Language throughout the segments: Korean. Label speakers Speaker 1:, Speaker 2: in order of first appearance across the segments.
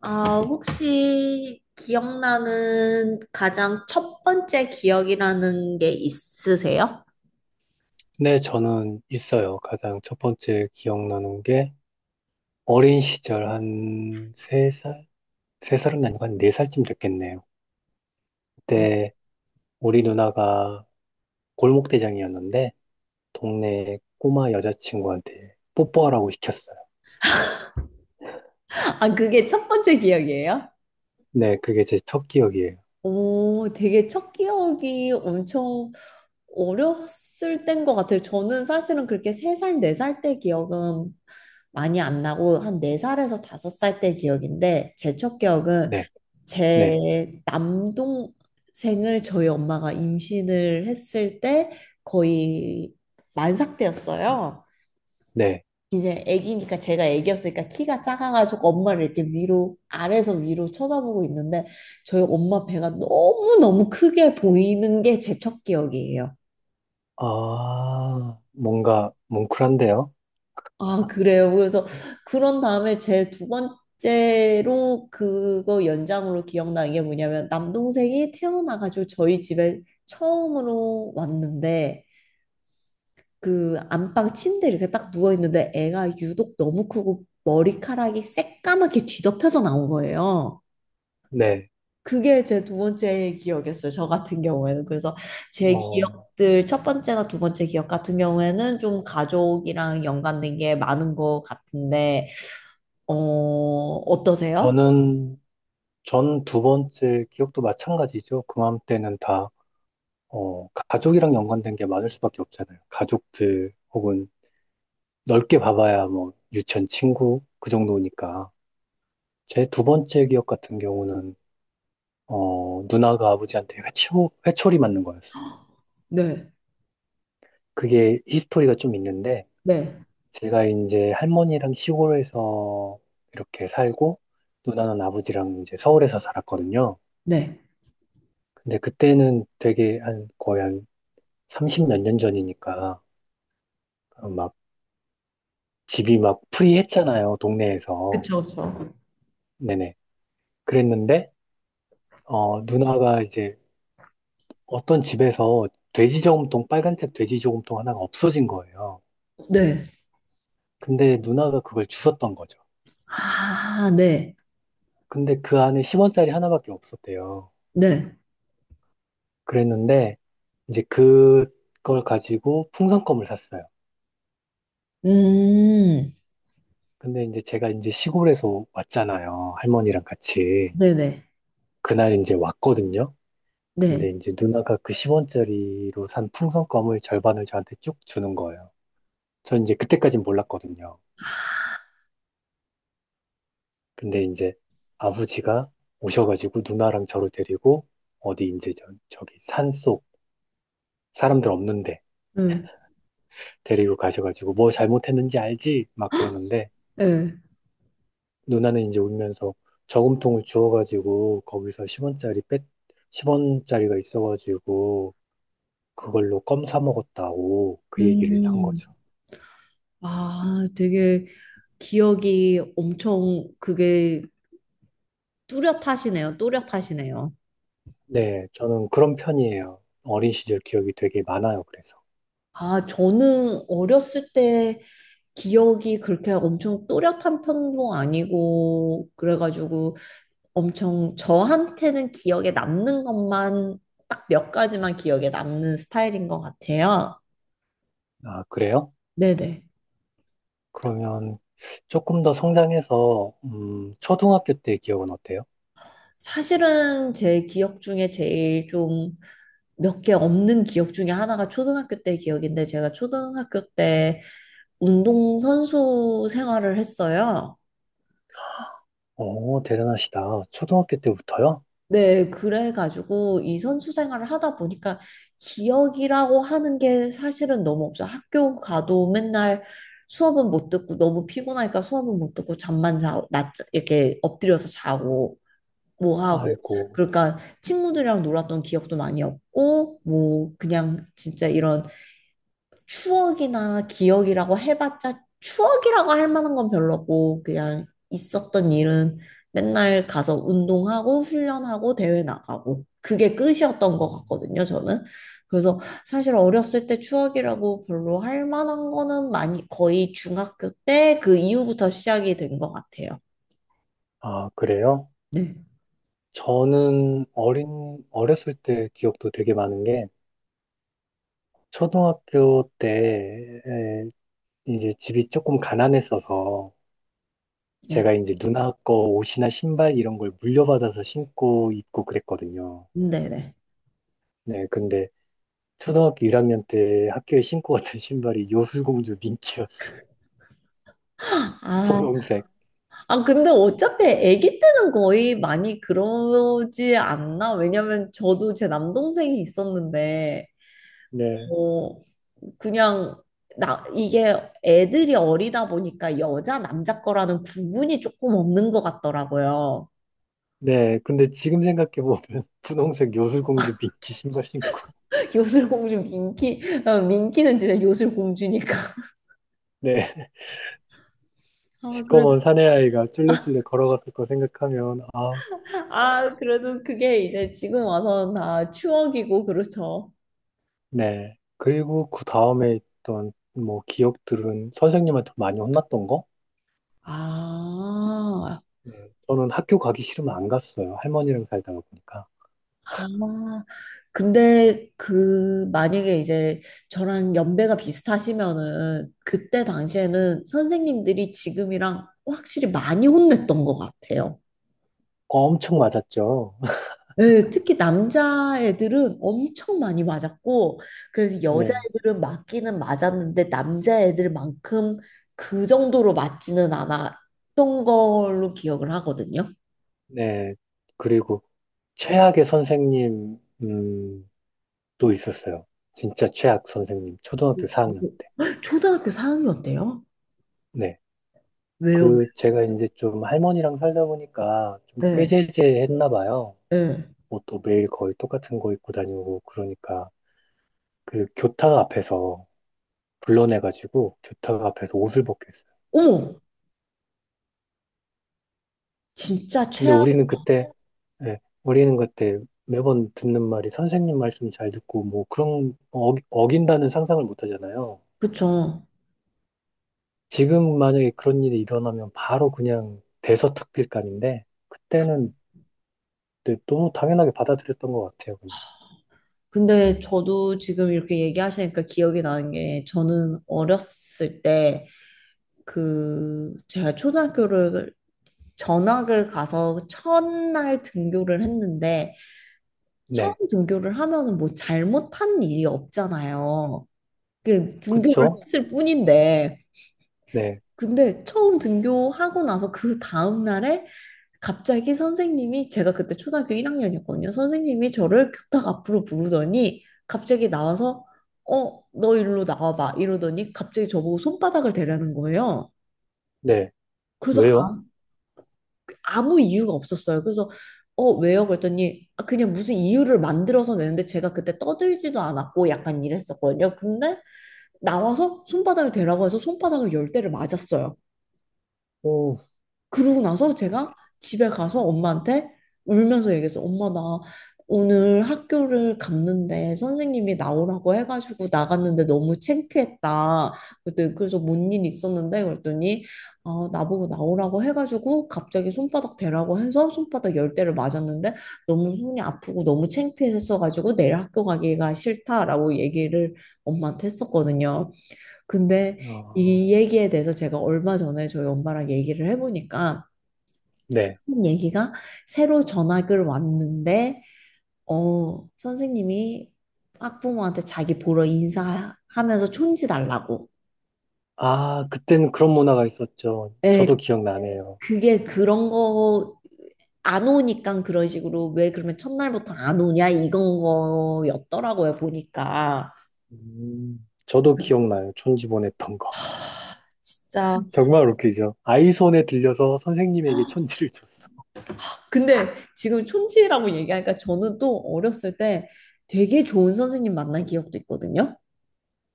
Speaker 1: 아, 혹시 기억나는 가장 첫 번째 기억이라는 게 있으세요?
Speaker 2: 네, 저는 있어요. 가장 첫 번째 기억나는 게 어린 시절 한 세살세살은 아니고 한 네살쯤 됐겠네요.
Speaker 1: 음.
Speaker 2: 그때 우리 누나가 골목대장이었는데 동네 꼬마 여자친구한테 뽀뽀하라고 시켰어요.
Speaker 1: 아, 그게 첫 번째 기억이에요?
Speaker 2: 네, 그게 제 첫 기억이에요.
Speaker 1: 오, 되게 첫 기억이 엄청 어렸을 때인 것 같아요. 저는 사실은 그렇게 세살네 살네 살 때 기억은 많이 안 나고, 한 네살에서 다섯 살 때 기억인데, 제 첫 기억은
Speaker 2: 네, 네,
Speaker 1: 제 남동생을 저희 엄마가 임신을 했을 때 거의 만삭 때였어요.
Speaker 2: 네.
Speaker 1: 이제 애기니까 제가 애기였으니까 키가 작아가지고 엄마를 이렇게 위로 아래에서 위로 쳐다보고 있는데 저희 엄마 배가 너무너무 크게 보이는 게 제 첫 기억이에요.
Speaker 2: 아, 뭔가 뭉클한데요?
Speaker 1: 아, 그래요. 그래서 그런 다음에 제 두 번째로 그거 연장으로 기억나는 게 뭐냐면 남동생이 태어나가지고 저희 집에 처음으로 왔는데 그 안방 침대 이렇게 딱 누워 있는데 애가 유독 너무 크고 머리카락이 새까맣게 뒤덮여서 나온 거예요.
Speaker 2: 네.
Speaker 1: 그게 제 두 번째 기억이었어요. 저 같은 경우에는. 그래서 제
Speaker 2: 어,
Speaker 1: 기억들, 첫 번째나 두 번째 기억 같은 경우에는 좀 가족이랑 연관된 게 많은 것 같은데, 어, 어떠세요?
Speaker 2: 저는, 전 두 번째 기억도 마찬가지죠. 그맘때는 다 가족이랑 연관된 게 맞을 수밖에 없잖아요. 가족들 혹은 넓게 봐봐야 뭐 유치원 친구 그 정도니까. 제 두 번째 기억 같은 경우는 누나가 아버지한테 회초리 맞는 거였어요.
Speaker 1: 네,
Speaker 2: 그게 히스토리가 좀 있는데
Speaker 1: 네,
Speaker 2: 제가 이제 할머니랑 시골에서 이렇게 살고 누나는 아버지랑 이제 서울에서 살았거든요.
Speaker 1: 네.
Speaker 2: 근데 그때는 되게 한 거의 한 30몇 년 전이니까 막 집이 막 프리했잖아요, 동네에서.
Speaker 1: 그쵸, 그쵸.
Speaker 2: 네네. 그랬는데, 누나가 이제 어떤 집에서 돼지 저금통, 빨간색 돼지 저금통 하나가 없어진 거예요.
Speaker 1: 네.
Speaker 2: 근데 누나가 그걸 주웠던 거죠.
Speaker 1: 아, 네,
Speaker 2: 근데 그 안에 10원짜리 하나밖에 없었대요.
Speaker 1: 네.
Speaker 2: 그랬는데, 이제 그걸 가지고 풍선껌을 샀어요.
Speaker 1: 음,
Speaker 2: 근데 이제 제가 이제 시골에서 왔잖아요. 할머니랑 같이.
Speaker 1: 네네,
Speaker 2: 그날 이제 왔거든요. 근데
Speaker 1: 네.
Speaker 2: 이제 누나가 그 10원짜리로 산 풍선껌을 절반을 저한테 쭉 주는 거예요. 전 이제 그때까진 몰랐거든요. 근데 이제 아버지가 오셔가지고 누나랑 저를 데리고 어디 이제 저기 산속 사람들 없는데
Speaker 1: 응,
Speaker 2: 데리고 가셔가지고 뭐 잘못했는지 알지? 막 그러는데
Speaker 1: 네.
Speaker 2: 누나는 이제 울면서 저금통을 주워가지고 거기서 십원짜리 뺏 10원짜리가 있어가지고 그걸로 껌 사 먹었다고 그 얘기를 한
Speaker 1: 음.
Speaker 2: 거죠.
Speaker 1: 아, 되게 기억이 엄청 그게 뚜렷하시네요. 또렷하시네요.
Speaker 2: 네, 저는 그런 편이에요. 어린 시절 기억이 되게 많아요, 그래서.
Speaker 1: 아, 저는 어렸을 때 기억이 그렇게 엄청 또렷한 편도 아니고, 그래가지고 엄청 저한테는 기억에 남는 것만 딱 몇 가지만 기억에 남는 스타일인 것 같아요.
Speaker 2: 아, 그래요?
Speaker 1: 네네.
Speaker 2: 그러면 조금 더 성장해서 초등학교 때 기억은 어때요?
Speaker 1: 사실은 제 기억 중에 제일 좀 몇 개 없는 기억 중에 하나가 초등학교 때 기억인데, 제가 초등학교 때 운동선수 생활을 했어요.
Speaker 2: 오, 대단하시다. 초등학교 때부터요?
Speaker 1: 네, 그래가지고 이 선수 생활을 하다 보니까 기억이라고 하는 게 사실은 너무 없어. 학교 가도 맨날 수업은 못 듣고 잠만 자고 낮 이렇게 엎드려서 자고 뭐 하고
Speaker 2: 아이고.
Speaker 1: 그러니까 친구들이랑 놀았던 기억도 많이 없고 뭐 그냥 진짜 이런 추억이나 기억이라고 해봤자 추억이라고 할 만한 건 별로고 그냥 있었던 일은 맨날 가서 운동하고 훈련하고 대회 나가고 그게 끝이었던 것 같거든요, 저는. 그래서 사실 어렸을 때 추억이라고 별로 할 만한 거는 많이 거의 중학교 때 그 이후부터 시작이 된 것 같아요.
Speaker 2: 아, 그래요?
Speaker 1: 네,
Speaker 2: 저는 어렸을 때 기억도 되게 많은 게, 초등학교 때 이제 집이 조금 가난했어서,
Speaker 1: 네,
Speaker 2: 제가 이제 누나 거 옷이나 신발 이런 걸 물려받아서 신고 입고 그랬거든요.
Speaker 1: 네, 네.
Speaker 2: 네, 근데 초등학교 1학년 때 학교에 신고 갔던 신발이 요술공주 민키였어요.
Speaker 1: 아,
Speaker 2: 분홍색.
Speaker 1: 아, 근데 어차피 아기 때는 거의 많이 그러지 않나? 왜냐면 저도 제 남동생이 있었는데,
Speaker 2: 네.
Speaker 1: 어, 그냥, 나, 이게 애들이 어리다 보니까 여자, 남자 거라는 구분이 조금 없는 것 같더라고요.
Speaker 2: 네. 근데 지금 생각해보면 분홍색 요술공주 미끼 신발 신고.
Speaker 1: 요술공주 민키, 어, 민키는 진짜 요술공주니까.
Speaker 2: 네.
Speaker 1: 아, 그래,
Speaker 2: 시꺼먼 사내아이가 쫄래쫄래 걸어갔을 거 생각하면, 아.
Speaker 1: 아, 그래도 그게 이제 지금 와서 다 추억이고, 그렇죠.
Speaker 2: 네. 그리고 그 다음에 있던 뭐 기억들은 선생님한테 많이 혼났던 거?
Speaker 1: 아,
Speaker 2: 네. 저는 학교 가기 싫으면 안 갔어요. 할머니랑 살다가 보니까.
Speaker 1: 아, 근데 그 만약에 이제 저랑 연배가 비슷하시면은 그때 당시에는 선생님들이 지금이랑 확실히 많이 혼냈던 것 같아요.
Speaker 2: 엄청 맞았죠.
Speaker 1: 네, 특히 남자애들은 엄청 많이 맞았고, 그래서
Speaker 2: 네.
Speaker 1: 여자애들은 맞기는 맞았는데 남자애들만큼 그 정도로 맞지는 않았던 걸로 기억을 하거든요.
Speaker 2: 네. 그리고 최악의 선생님, 또 있었어요. 진짜 최악 선생님. 초등학교 4학년 때.
Speaker 1: 초등학교 사학년 때요?
Speaker 2: 네.
Speaker 1: 왜요?
Speaker 2: 그 제가 이제 좀 할머니랑 살다 보니까 좀
Speaker 1: 네,
Speaker 2: 꾀죄죄했나 봐요.
Speaker 1: 네.
Speaker 2: 옷도 매일 거의 똑같은 거 입고 다니고 그러니까 그 교탁 앞에서 불러내가지고 교탁 앞에서 옷을 벗겼어요.
Speaker 1: 어머, 진짜.
Speaker 2: 근데 우리는 그때 매번 듣는 말이 선생님 말씀 잘 듣고 뭐 그런 어긴다는 상상을 못 하잖아요.
Speaker 1: 그쵸.
Speaker 2: 지금 만약에 그런 일이 일어나면 바로 그냥 대서특필감인데 그때는 네, 너무 당연하게 받아들였던 것 같아요. 그냥.
Speaker 1: 근데 저도 지금 이렇게 얘기하시니까 기억이 나는 게, 저는 어렸을 때 그 제가 초등학교를 전학을 가서 첫날 등교를 했는데 처음
Speaker 2: 네,
Speaker 1: 등교를 하면은 뭐 잘못한 일이 없잖아요. 그 등교를
Speaker 2: 그쵸?
Speaker 1: 했을 뿐인데
Speaker 2: 네. 네.
Speaker 1: 근데 처음 등교하고 나서 그 다음 날에 갑자기 선생님이, 제가 그때 초등학교 1학년이었거든요. 선생님이 저를 교탁 앞으로 부르더니 갑자기 나와서 어, 너 일로 나와봐 이러더니 갑자기 저보고 손바닥을 대라는 거예요.
Speaker 2: 네.
Speaker 1: 그래서
Speaker 2: 왜요?
Speaker 1: 아, 아무 이유가 없었어요. 그래서 어, 왜요? 그랬더니 아, 그냥 무슨 이유를 만들어서 내는데 제가 그때 떠들지도 않았고 약간 이랬었거든요. 근데 나와서 손바닥을 대라고 해서 손바닥을 열 대를 맞았어요.
Speaker 2: 오,
Speaker 1: 그러고 나서
Speaker 2: 있-
Speaker 1: 제가 집에 가서 엄마한테 울면서 얘기했어. 엄마, 나 오늘 학교를 갔는데 선생님이 나오라고 해가지고 나갔는데 너무 창피했다. 그랬더니 그래서 뭔 일 있었는데 그랬더니 아, 나보고 나오라고 해가지고 갑자기 손바닥 대라고 해서 손바닥 열 대를 맞았는데 너무 손이 아프고 너무 창피했어가지고 내일 학교 가기가 싫다라고 얘기를 엄마한테 했었거든요. 근데
Speaker 2: 아,
Speaker 1: 이 얘기에 대해서 제가 얼마 전에 저희 엄마랑 얘기를 해보니까
Speaker 2: 네.
Speaker 1: 한 얘기가 새로 전학을 왔는데, 어, 선생님이 학부모한테 자기 보러 인사하면서 촌지 달라고.
Speaker 2: 아, 그때는 그런 문화가 있었죠.
Speaker 1: 예,
Speaker 2: 저도 기억나네요.
Speaker 1: 그게 그런 거 안 오니까 그런 식으로, 왜 그러면 첫날부터 안 오냐 이건 거였더라고요, 보니까.
Speaker 2: 저도 기억나요. 촌지 보냈던 거.
Speaker 1: 진짜.
Speaker 2: 정말 웃기죠. 아이 손에 들려서 선생님에게 촌지를 줬어.
Speaker 1: 근데 지금 촌지라고 얘기하니까 저는 또 어렸을 때 되게 좋은 선생님 만난 기억도 있거든요.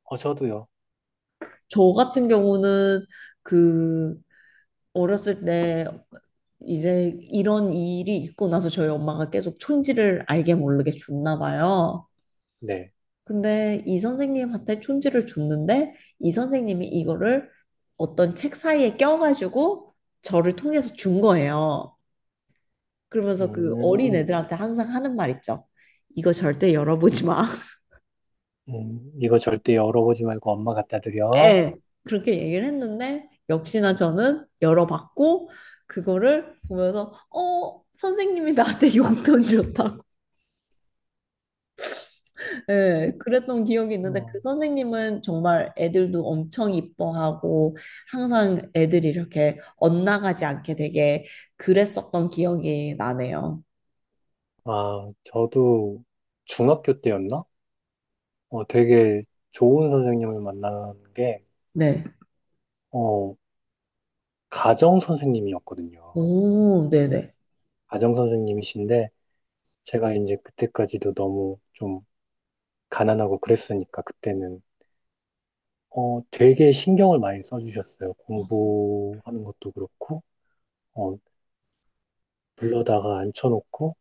Speaker 2: 어, 저도요.
Speaker 1: 저 같은 경우는 그 어렸을 때 이제 이런 일이 있고 나서 저희 엄마가 계속 촌지를 알게 모르게 줬나 봐요.
Speaker 2: 네.
Speaker 1: 근데 이 선생님한테 촌지를 줬는데 이 선생님이 이거를 어떤 책 사이에 껴가지고 저를 통해서 준 거예요. 그러면서 그 어린
Speaker 2: 음,
Speaker 1: 애들한테 항상 하는 말 있죠. 이거 절대 열어보지 마.
Speaker 2: 이거 절대 열어보지 말고 엄마 갖다 드려.
Speaker 1: 예. 그렇게 얘기를 했는데 역시나 저는 열어봤고 그거를 보면서 어 선생님이 나한테 용돈 줬다. 예, 그랬던 기억이 있는데 그
Speaker 2: 어.
Speaker 1: 선생님은 정말 애들도 엄청 이뻐하고 항상 애들이 이렇게 엇나가지 않게 되게 그랬었던 기억이 나네요.
Speaker 2: 아, 저도 중학교 때였나? 되게 좋은 선생님을 만난 게,
Speaker 1: 네.
Speaker 2: 어, 가정 선생님이었거든요.
Speaker 1: 오, 네네.
Speaker 2: 가정 선생님이신데 제가 이제 그때까지도 너무 좀 가난하고 그랬으니까 그때는 되게 신경을 많이 써주셨어요. 공부하는 것도 그렇고 어 불러다가 앉혀놓고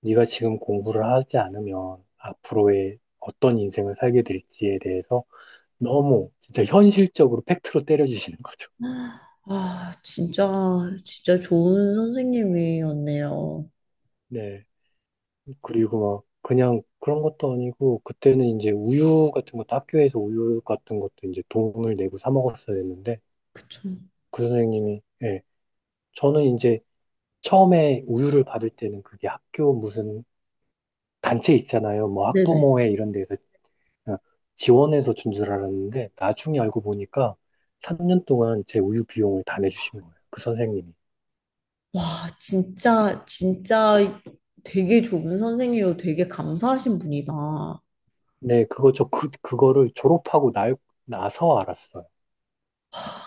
Speaker 2: 네가 지금 공부를 하지 않으면 앞으로의 어떤 인생을 살게 될지에 대해서 너무 진짜 현실적으로 팩트로 때려주시는 거죠.
Speaker 1: 아, 진짜, 진짜 좋은 선생님이었네요.
Speaker 2: 네. 그리고 막 그냥 그런 것도 아니고 그때는 이제 우유 같은 것도 학교에서 우유 같은 것도 이제 돈을 내고 사 먹었어야 했는데
Speaker 1: 그쵸.
Speaker 2: 그 선생님이, 예. 저는 이제 처음에 우유를 받을 때는 그게 학교 무슨 단체 있잖아요. 뭐
Speaker 1: 네네.
Speaker 2: 학부모회 이런 데에서 어, 지원해서 준 줄 알았는데 나중에 알고 보니까 3년 동안 제 우유 비용을 다 내주신 거예요. 그 선생님이.
Speaker 1: 와, 진짜, 진짜 되게 좋은 선생님이고 되게 감사하신 분이다. 아,
Speaker 2: 네, 그거를 졸업하고 나서 알았어요.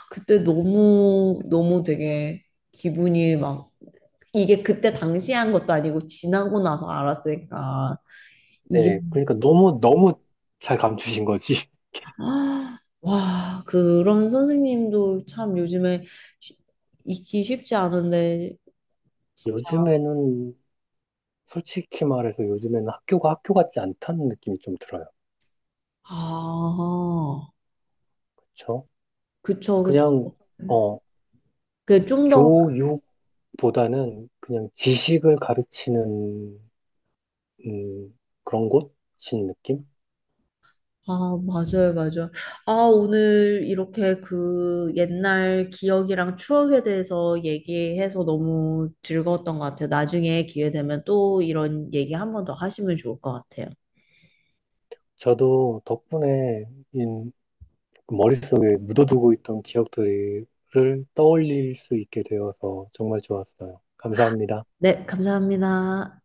Speaker 1: 그때 너무, 너무 되게 기분이 막 이게 그때 당시에 한 것도 아니고 지나고 나서 알았으니까 이게
Speaker 2: 네, 그러니까 너무 너무 잘 감추신 거지.
Speaker 1: 아, 와 그런 선생님도 참 요즘에 쉽- 있기 쉽지 않은데 진짜.
Speaker 2: 요즘에는 솔직히 말해서 요즘에는 학교가 학교 같지 않다는 느낌이 좀 들어요.
Speaker 1: 아
Speaker 2: 그렇죠?
Speaker 1: 그쵸 그쵸
Speaker 2: 그냥 어
Speaker 1: 그좀더
Speaker 2: 교육보다는 그냥 지식을 가르치는 그런 곳인 느낌?
Speaker 1: 아, 맞아요, 맞아요. 아, 오늘 이렇게 그 옛날 기억이랑 추억에 대해서 얘기해서 너무 즐거웠던 것 같아요. 나중에 기회 되면 또 이런 얘기 한 번 더 하시면 좋을 것 같아요.
Speaker 2: 저도 덕분에 인- 머릿속에 묻어두고 있던 기억들을 떠올릴 수 있게 되어서 정말 좋았어요. 감사합니다.
Speaker 1: 네, 감사합니다.